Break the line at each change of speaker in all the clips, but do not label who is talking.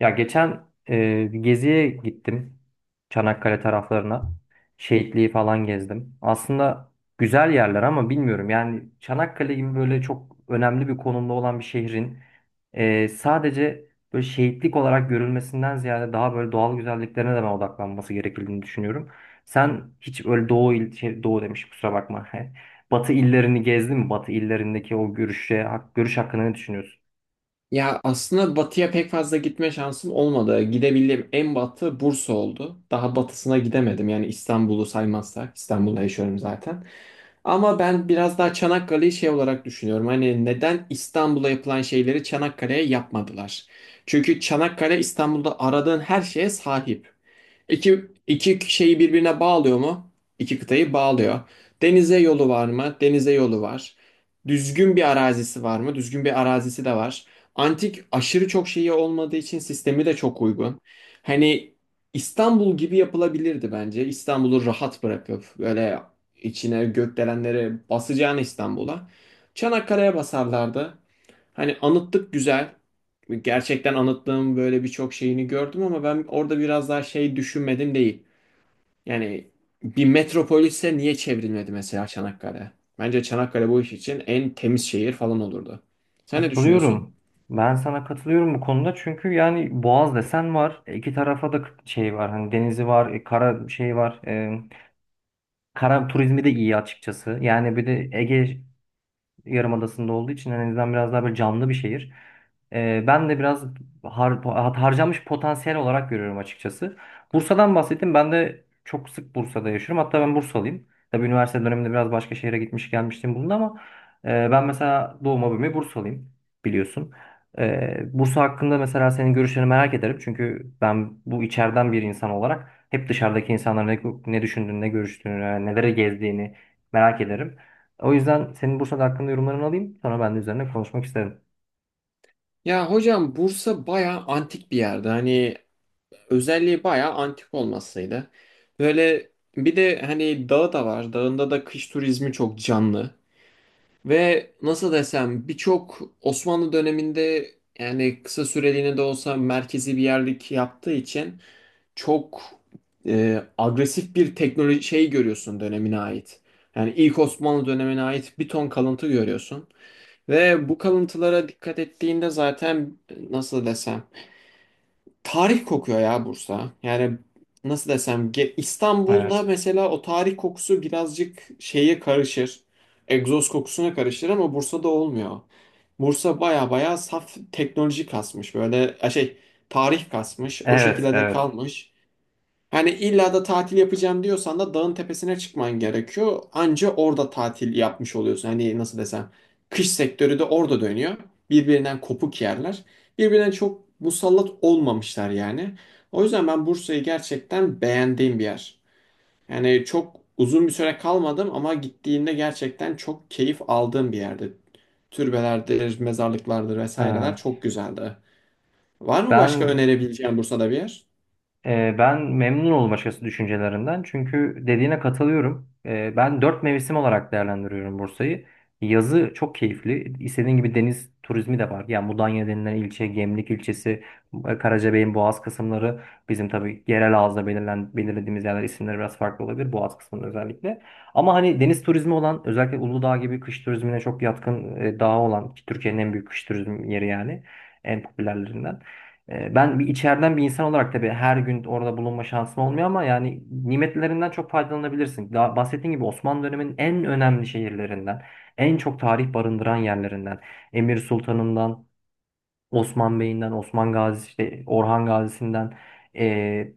Ya geçen bir geziye gittim. Çanakkale taraflarına. Şehitliği falan gezdim. Aslında güzel yerler ama bilmiyorum. Yani Çanakkale gibi böyle çok önemli bir konumda olan bir şehrin sadece böyle şehitlik olarak görülmesinden ziyade daha böyle doğal güzelliklerine de ben odaklanması gerektiğini düşünüyorum. Sen hiç öyle doğu demiş, kusura bakma. Batı illerini gezdin mi? Batı illerindeki o görüş hakkında ne düşünüyorsun?
Ya aslında batıya pek fazla gitme şansım olmadı. Gidebildiğim en batı Bursa oldu. Daha batısına gidemedim. Yani İstanbul'u saymazsak. İstanbul'da yaşıyorum zaten. Ama ben biraz daha Çanakkale'yi şey olarak düşünüyorum. Hani neden İstanbul'a yapılan şeyleri Çanakkale'ye yapmadılar? Çünkü Çanakkale İstanbul'da aradığın her şeye sahip. İki şeyi birbirine bağlıyor mu? İki kıtayı bağlıyor. Denize yolu var mı? Denize yolu var. Düzgün bir arazisi var mı? Düzgün bir arazisi de var. Antik aşırı çok şeyi olmadığı için sistemi de çok uygun. Hani İstanbul gibi yapılabilirdi bence. İstanbul'u rahat bırakıp böyle içine gökdelenleri basacağını İstanbul'a. Çanakkale'ye basarlardı. Hani anıtlık güzel gerçekten anlattığım böyle birçok şeyini gördüm ama ben orada biraz daha şey düşünmedim değil. Yani bir metropolise niye çevrilmedi mesela Çanakkale? Bence Çanakkale bu iş için en temiz şehir falan olurdu. Sen ne
Katılıyorum.
düşünüyorsun?
Ben sana katılıyorum bu konuda, çünkü yani Boğaz desen var. İki tarafa da şey var. Hani denizi var, kara şey var. Kara turizmi de iyi açıkçası. Yani bir de Ege Yarımadası'nda olduğu için en azından biraz daha böyle canlı bir şehir. Ben de biraz harcanmış potansiyel olarak görüyorum açıkçası. Bursa'dan bahsettim. Ben de çok sık Bursa'da yaşıyorum. Hatta ben Bursalıyım. Tabii üniversite döneminde biraz başka şehre gitmiş gelmiştim bulundu ama ben mesela doğma büyüme Bursalıyım, biliyorsun. Bursa hakkında mesela senin görüşlerini merak ederim. Çünkü ben bu içeriden bir insan olarak hep dışarıdaki insanların ne düşündüğünü, ne görüştüğünü, nelere gezdiğini merak ederim. O yüzden senin Bursa'da hakkında yorumlarını alayım. Sonra ben de üzerine konuşmak isterim.
Ya hocam Bursa bayağı antik bir yerde. Hani özelliği bayağı antik olmasıydı. Böyle bir de hani dağı da var. Dağında da kış turizmi çok canlı. Ve nasıl desem birçok Osmanlı döneminde yani kısa süreliğine de olsa merkezi bir yerlik yaptığı için çok agresif bir teknoloji şey görüyorsun dönemine ait. Yani ilk Osmanlı dönemine ait bir ton kalıntı görüyorsun. Ve bu kalıntılara dikkat ettiğinde zaten nasıl desem tarih kokuyor ya Bursa. Yani nasıl desem İstanbul'da
Evet.
mesela o tarih kokusu birazcık şeye karışır. Egzoz kokusuna karışır ama Bursa'da olmuyor. Bursa baya baya saf teknoloji kasmış. Böyle şey tarih kasmış. O
Evet,
şekilde de
evet.
kalmış. Hani illa da tatil yapacağım diyorsan da dağın tepesine çıkman gerekiyor. Anca orada tatil yapmış oluyorsun. Hani nasıl desem kış sektörü de orada dönüyor. Birbirinden kopuk yerler. Birbirine çok musallat olmamışlar yani. O yüzden ben Bursa'yı gerçekten beğendiğim bir yer. Yani çok uzun bir süre kalmadım ama gittiğimde gerçekten çok keyif aldığım bir yerde. Türbelerdir, mezarlıklardır vesaireler
Evet.
çok güzeldi. Var mı başka
Ben
önerebileceğin Bursa'da bir yer?
Ben memnun oldum açıkçası düşüncelerinden. Çünkü dediğine katılıyorum. Ben dört mevsim olarak değerlendiriyorum Bursa'yı. Yazı çok keyifli. İstediğin gibi deniz turizmi de var. Yani Mudanya denilen ilçe, Gemlik ilçesi, Karacabey'in Boğaz kısımları. Bizim tabii yerel ağızda belirlediğimiz yerler isimleri biraz farklı olabilir. Boğaz kısmında özellikle. Ama hani deniz turizmi olan, özellikle Uludağ gibi kış turizmine çok yatkın dağı olan, ki Türkiye'nin en büyük kış turizm yeri yani en popülerlerinden. Ben bir içeriden bir insan olarak tabii her gün orada bulunma şansım olmuyor ama yani nimetlerinden çok faydalanabilirsin. Daha bahsettiğim gibi Osmanlı döneminin en önemli şehirlerinden, en çok tarih barındıran yerlerinden, Emir Sultan'ından, Osman Bey'inden, Osman Gazi, işte Orhan Gazi'sinden, e,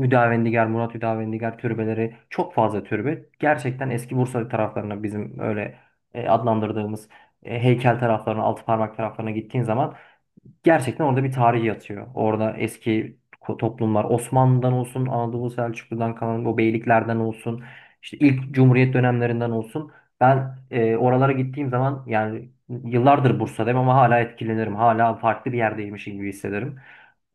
Hüdavendigar, Murat Hüdavendigar türbeleri, çok fazla türbe. Gerçekten eski Bursa taraflarına, bizim öyle adlandırdığımız heykel taraflarına, altı parmak taraflarına gittiğin zaman gerçekten orada bir tarih yatıyor. Orada eski toplumlar Osmanlı'dan olsun, Anadolu Selçuklu'dan kalan o beyliklerden olsun, işte ilk Cumhuriyet dönemlerinden olsun. Ben oralara gittiğim zaman, yani yıllardır Bursa'dayım ama hala etkilenirim. Hala farklı bir yerdeymişim gibi hissederim.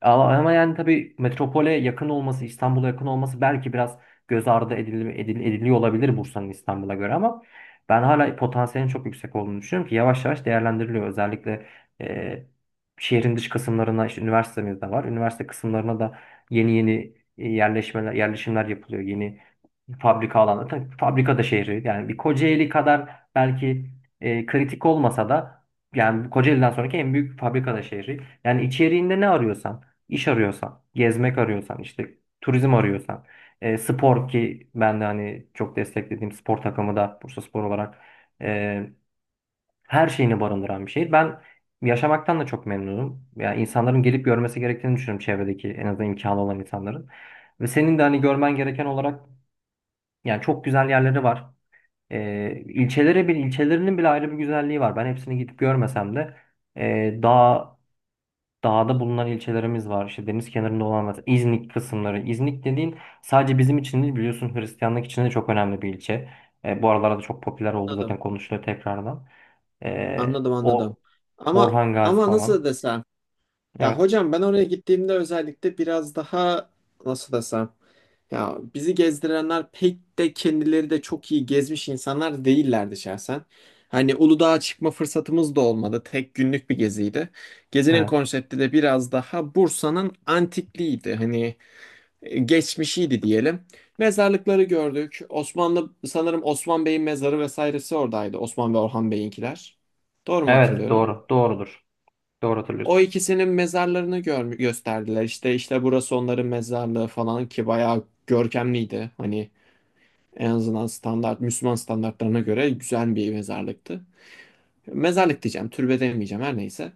Ama yani tabii metropole yakın olması, İstanbul'a yakın olması belki biraz göz ardı ediliyor olabilir Bursa'nın, İstanbul'a göre, ama ben hala potansiyelin çok yüksek olduğunu düşünüyorum ki yavaş yavaş değerlendiriliyor. Özellikle e, şehrin dış kısımlarına, işte üniversitemiz de var. Üniversite kısımlarına da yeni yeni yerleşimler yapılıyor. Yeni fabrika alanı. Tabii fabrika da şehri. Yani bir Kocaeli kadar belki kritik olmasa da yani Kocaeli'den sonraki en büyük fabrika da şehri. Yani içeriğinde ne arıyorsan, iş arıyorsan, gezmek arıyorsan, işte turizm arıyorsan, spor, ki ben de hani çok desteklediğim spor takımı da Bursaspor olarak, e, her şeyini barındıran bir şehir. Ben yaşamaktan da çok memnunum. Yani insanların gelip görmesi gerektiğini düşünüyorum, çevredeki en azından imkanı olan insanların. Ve senin de hani görmen gereken olarak, yani çok güzel yerleri var. İlçeleri bir ilçelerinin bile ayrı bir güzelliği var. Ben hepsini gidip görmesem de daha dağda bulunan ilçelerimiz var. İşte deniz kenarında olan mesela İznik kısımları. İznik dediğin sadece bizim için değil, biliyorsun, Hristiyanlık için de çok önemli bir ilçe. Bu aralarda da çok popüler oldu zaten,
Anladım.
konuşuluyor tekrardan.
Anladım, anladım.
O
Ama
Orhan Gazi
ama nasıl
falan.
desem? Ya
Evet.
hocam ben oraya gittiğimde özellikle biraz daha nasıl desem? Ya bizi gezdirenler pek de kendileri de çok iyi gezmiş insanlar değillerdi şahsen. Hani Uludağ'a çıkma fırsatımız da olmadı. Tek günlük bir geziydi. Gezinin
Evet.
konsepti de biraz daha Bursa'nın antikliğiydi. Hani geçmişiydi diyelim. Mezarlıkları gördük. Osmanlı sanırım Osman Bey'in mezarı vesairesi oradaydı. Osman ve Orhan Bey'inkiler. Doğru mu
Evet,
hatırlıyorum?
doğru. Doğrudur. Doğru
O
hatırlıyorsun.
ikisinin mezarlarını gör gösterdiler. İşte burası onların mezarlığı falan ki bayağı görkemliydi. Hani en azından standart Müslüman standartlarına göre güzel bir mezarlıktı. Mezarlık diyeceğim, türbe demeyeceğim her neyse.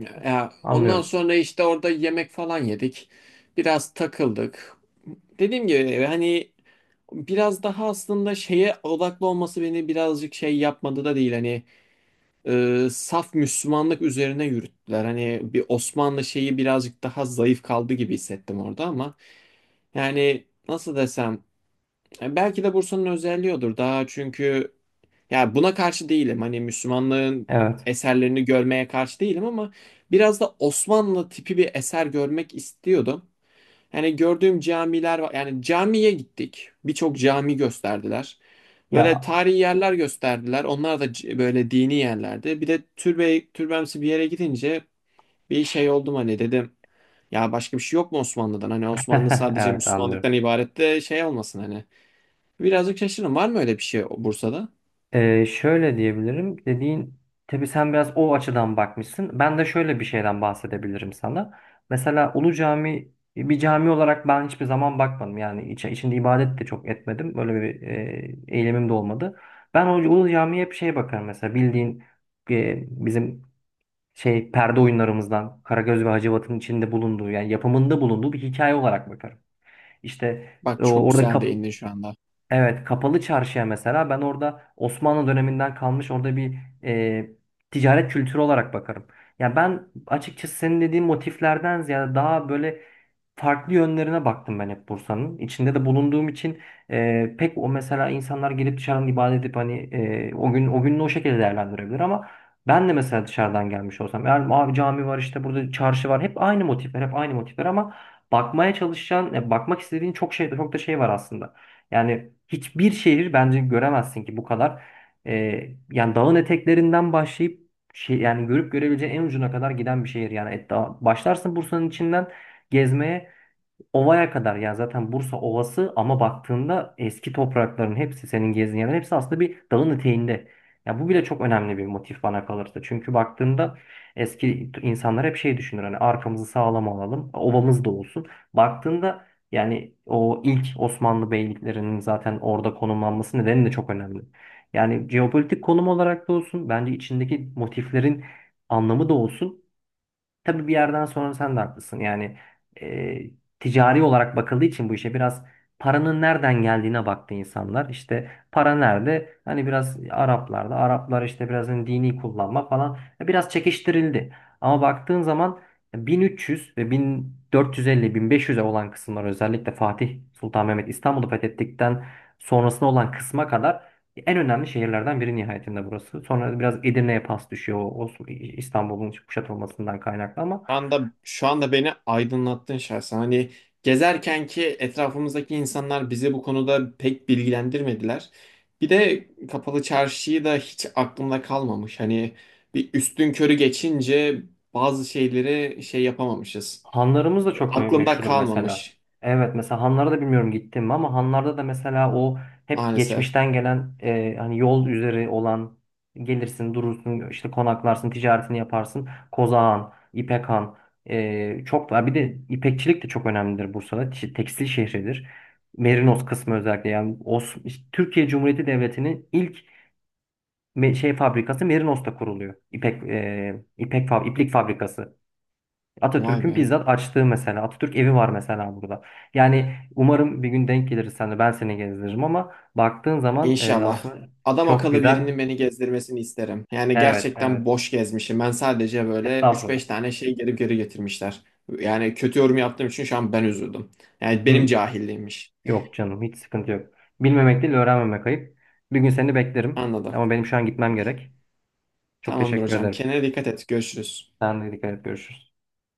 Ya, ondan
Anlıyorum.
sonra işte orada yemek falan yedik. Biraz takıldık. Dediğim gibi hani biraz daha aslında şeye odaklı olması beni birazcık şey yapmadı da değil hani saf Müslümanlık üzerine yürüttüler. Hani bir Osmanlı şeyi birazcık daha zayıf kaldı gibi hissettim orada ama yani nasıl desem belki de Bursa'nın özelliği odur daha çünkü ya buna karşı değilim. Hani Müslümanlığın
Evet.
eserlerini görmeye karşı değilim ama biraz da Osmanlı tipi bir eser görmek istiyordum. Yani gördüğüm camiler var. Yani camiye gittik. Birçok cami gösterdiler. Böyle
Ya,
tarihi yerler gösterdiler. Onlar da böyle dini yerlerdi. Bir de türbe, türbemsi bir yere gidince bir şey oldum hani dedim. Ya başka bir şey yok mu Osmanlı'dan? Hani Osmanlı sadece
evet, anlıyorum.
Müslümanlıktan ibaret de şey olmasın hani. Birazcık şaşırdım. Var mı öyle bir şey Bursa'da?
Şöyle diyebilirim. Dediğin, tabii sen biraz o açıdan bakmışsın. Ben de şöyle bir şeyden bahsedebilirim sana. Mesela Ulu Cami bir cami olarak ben hiçbir zaman bakmadım. Yani içinde ibadet de çok etmedim. Böyle bir eylemim de olmadı. Ben o Ulu Cami'ye hep şey bakarım, mesela bildiğin bizim şey perde oyunlarımızdan Karagöz ve Hacivat'ın içinde bulunduğu, yani yapımında bulunduğu bir hikaye olarak bakarım. İşte
Bak çok
orada
güzel değindin şu anda.
Kapalı çarşıya mesela ben orada Osmanlı döneminden kalmış, orada bir e, ticaret kültürü olarak bakarım. Ya ben açıkçası senin dediğin motiflerden ziyade daha böyle farklı yönlerine baktım ben hep Bursa'nın. İçinde de bulunduğum için pek o, mesela, insanlar gelip dışarıdan ibadet edip hani o gün o gününü o şekilde değerlendirebilir, ama ben de mesela dışarıdan gelmiş olsam, yani abi cami var, işte burada çarşı var, hep aynı motifler hep aynı motifler, ama bakmaya çalışan bakmak istediğin çok şey, çok da şey var aslında. Yani hiçbir şehir bence göremezsin ki bu kadar, e, yani dağın eteklerinden başlayıp şey yani görüp görebileceğin en ucuna kadar giden bir şehir, yani başlarsın Bursa'nın içinden gezmeye, Ova'ya kadar. Yani zaten Bursa Ovası, ama baktığında eski toprakların hepsi, senin gezdiğin yerlerin hepsi, aslında bir dağın eteğinde. Ya bu bile çok önemli bir motif bana kalırsa. Çünkü baktığında eski insanlar hep şey düşünür, hani arkamızı sağlam alalım, ovamız da olsun. Baktığında, yani o ilk Osmanlı beyliklerinin zaten orada konumlanması nedeni de çok önemli. Yani jeopolitik konum olarak da olsun, bence içindeki motiflerin anlamı da olsun. Tabii bir yerden sonra sen de haklısın. Yani e, ticari olarak bakıldığı için bu işe, biraz paranın nereden geldiğine baktı insanlar. İşte para nerede? Hani biraz Araplarda. Araplar işte biraz hani dini kullanma falan. Biraz çekiştirildi. Ama baktığın zaman 1300 ve 1450-1500'e olan kısımlar, özellikle Fatih Sultan Mehmet İstanbul'u fethettikten sonrasına olan kısma kadar, en önemli şehirlerden biri nihayetinde burası. Sonra biraz Edirne'ye pas düşüyor, o İstanbul'un kuşatılmasından kaynaklı, ama
Şu anda beni aydınlattın şahsen. Hani gezerken ki etrafımızdaki insanlar bizi bu konuda pek bilgilendirmediler. Bir de kapalı çarşıyı da hiç aklımda kalmamış. Hani bir üstün körü geçince bazı şeyleri şey yapamamışız.
hanlarımız da çok
Aklımda
meşhurdur mesela.
kalmamış
Evet, mesela hanlara da bilmiyorum gittim mi, ama hanlarda da mesela o hep
maalesef.
geçmişten gelen hani yol üzeri olan, gelirsin durursun işte, konaklarsın, ticaretini yaparsın. Kozağan, İpek Han, çok var. Bir de ipekçilik de çok önemlidir Bursa'da. Tekstil şehridir. Merinos kısmı özellikle, yani Türkiye Cumhuriyeti Devleti'nin ilk fabrikası Merinos'ta kuruluyor. İpek e, ipek fab iplik fabrikası.
Vay
Atatürk'ün
be.
bizzat açtığı mesela. Atatürk evi var mesela burada. Yani umarım bir gün denk geliriz, sen de, ben seni gezdiririm, ama baktığın zaman
İnşallah.
aslında
Adam
çok
akıllı
güzel.
birinin beni gezdirmesini isterim. Yani
Evet,
gerçekten
evet.
boş gezmişim. Ben sadece böyle üç
Estağfurullah.
beş tane şey geri geri getirmişler. Yani kötü yorum yaptığım için şu an ben üzüldüm. Yani benim
Hı,
cahilliğimmiş.
yok canım, hiç sıkıntı yok. Bilmemek değil, öğrenmemek ayıp. Bir gün seni beklerim
Anladım.
ama benim şu an gitmem gerek. Çok
Tamamdır
teşekkür
hocam.
ederim.
Kendine dikkat et. Görüşürüz.
Sen de dikkat et, görüşürüz.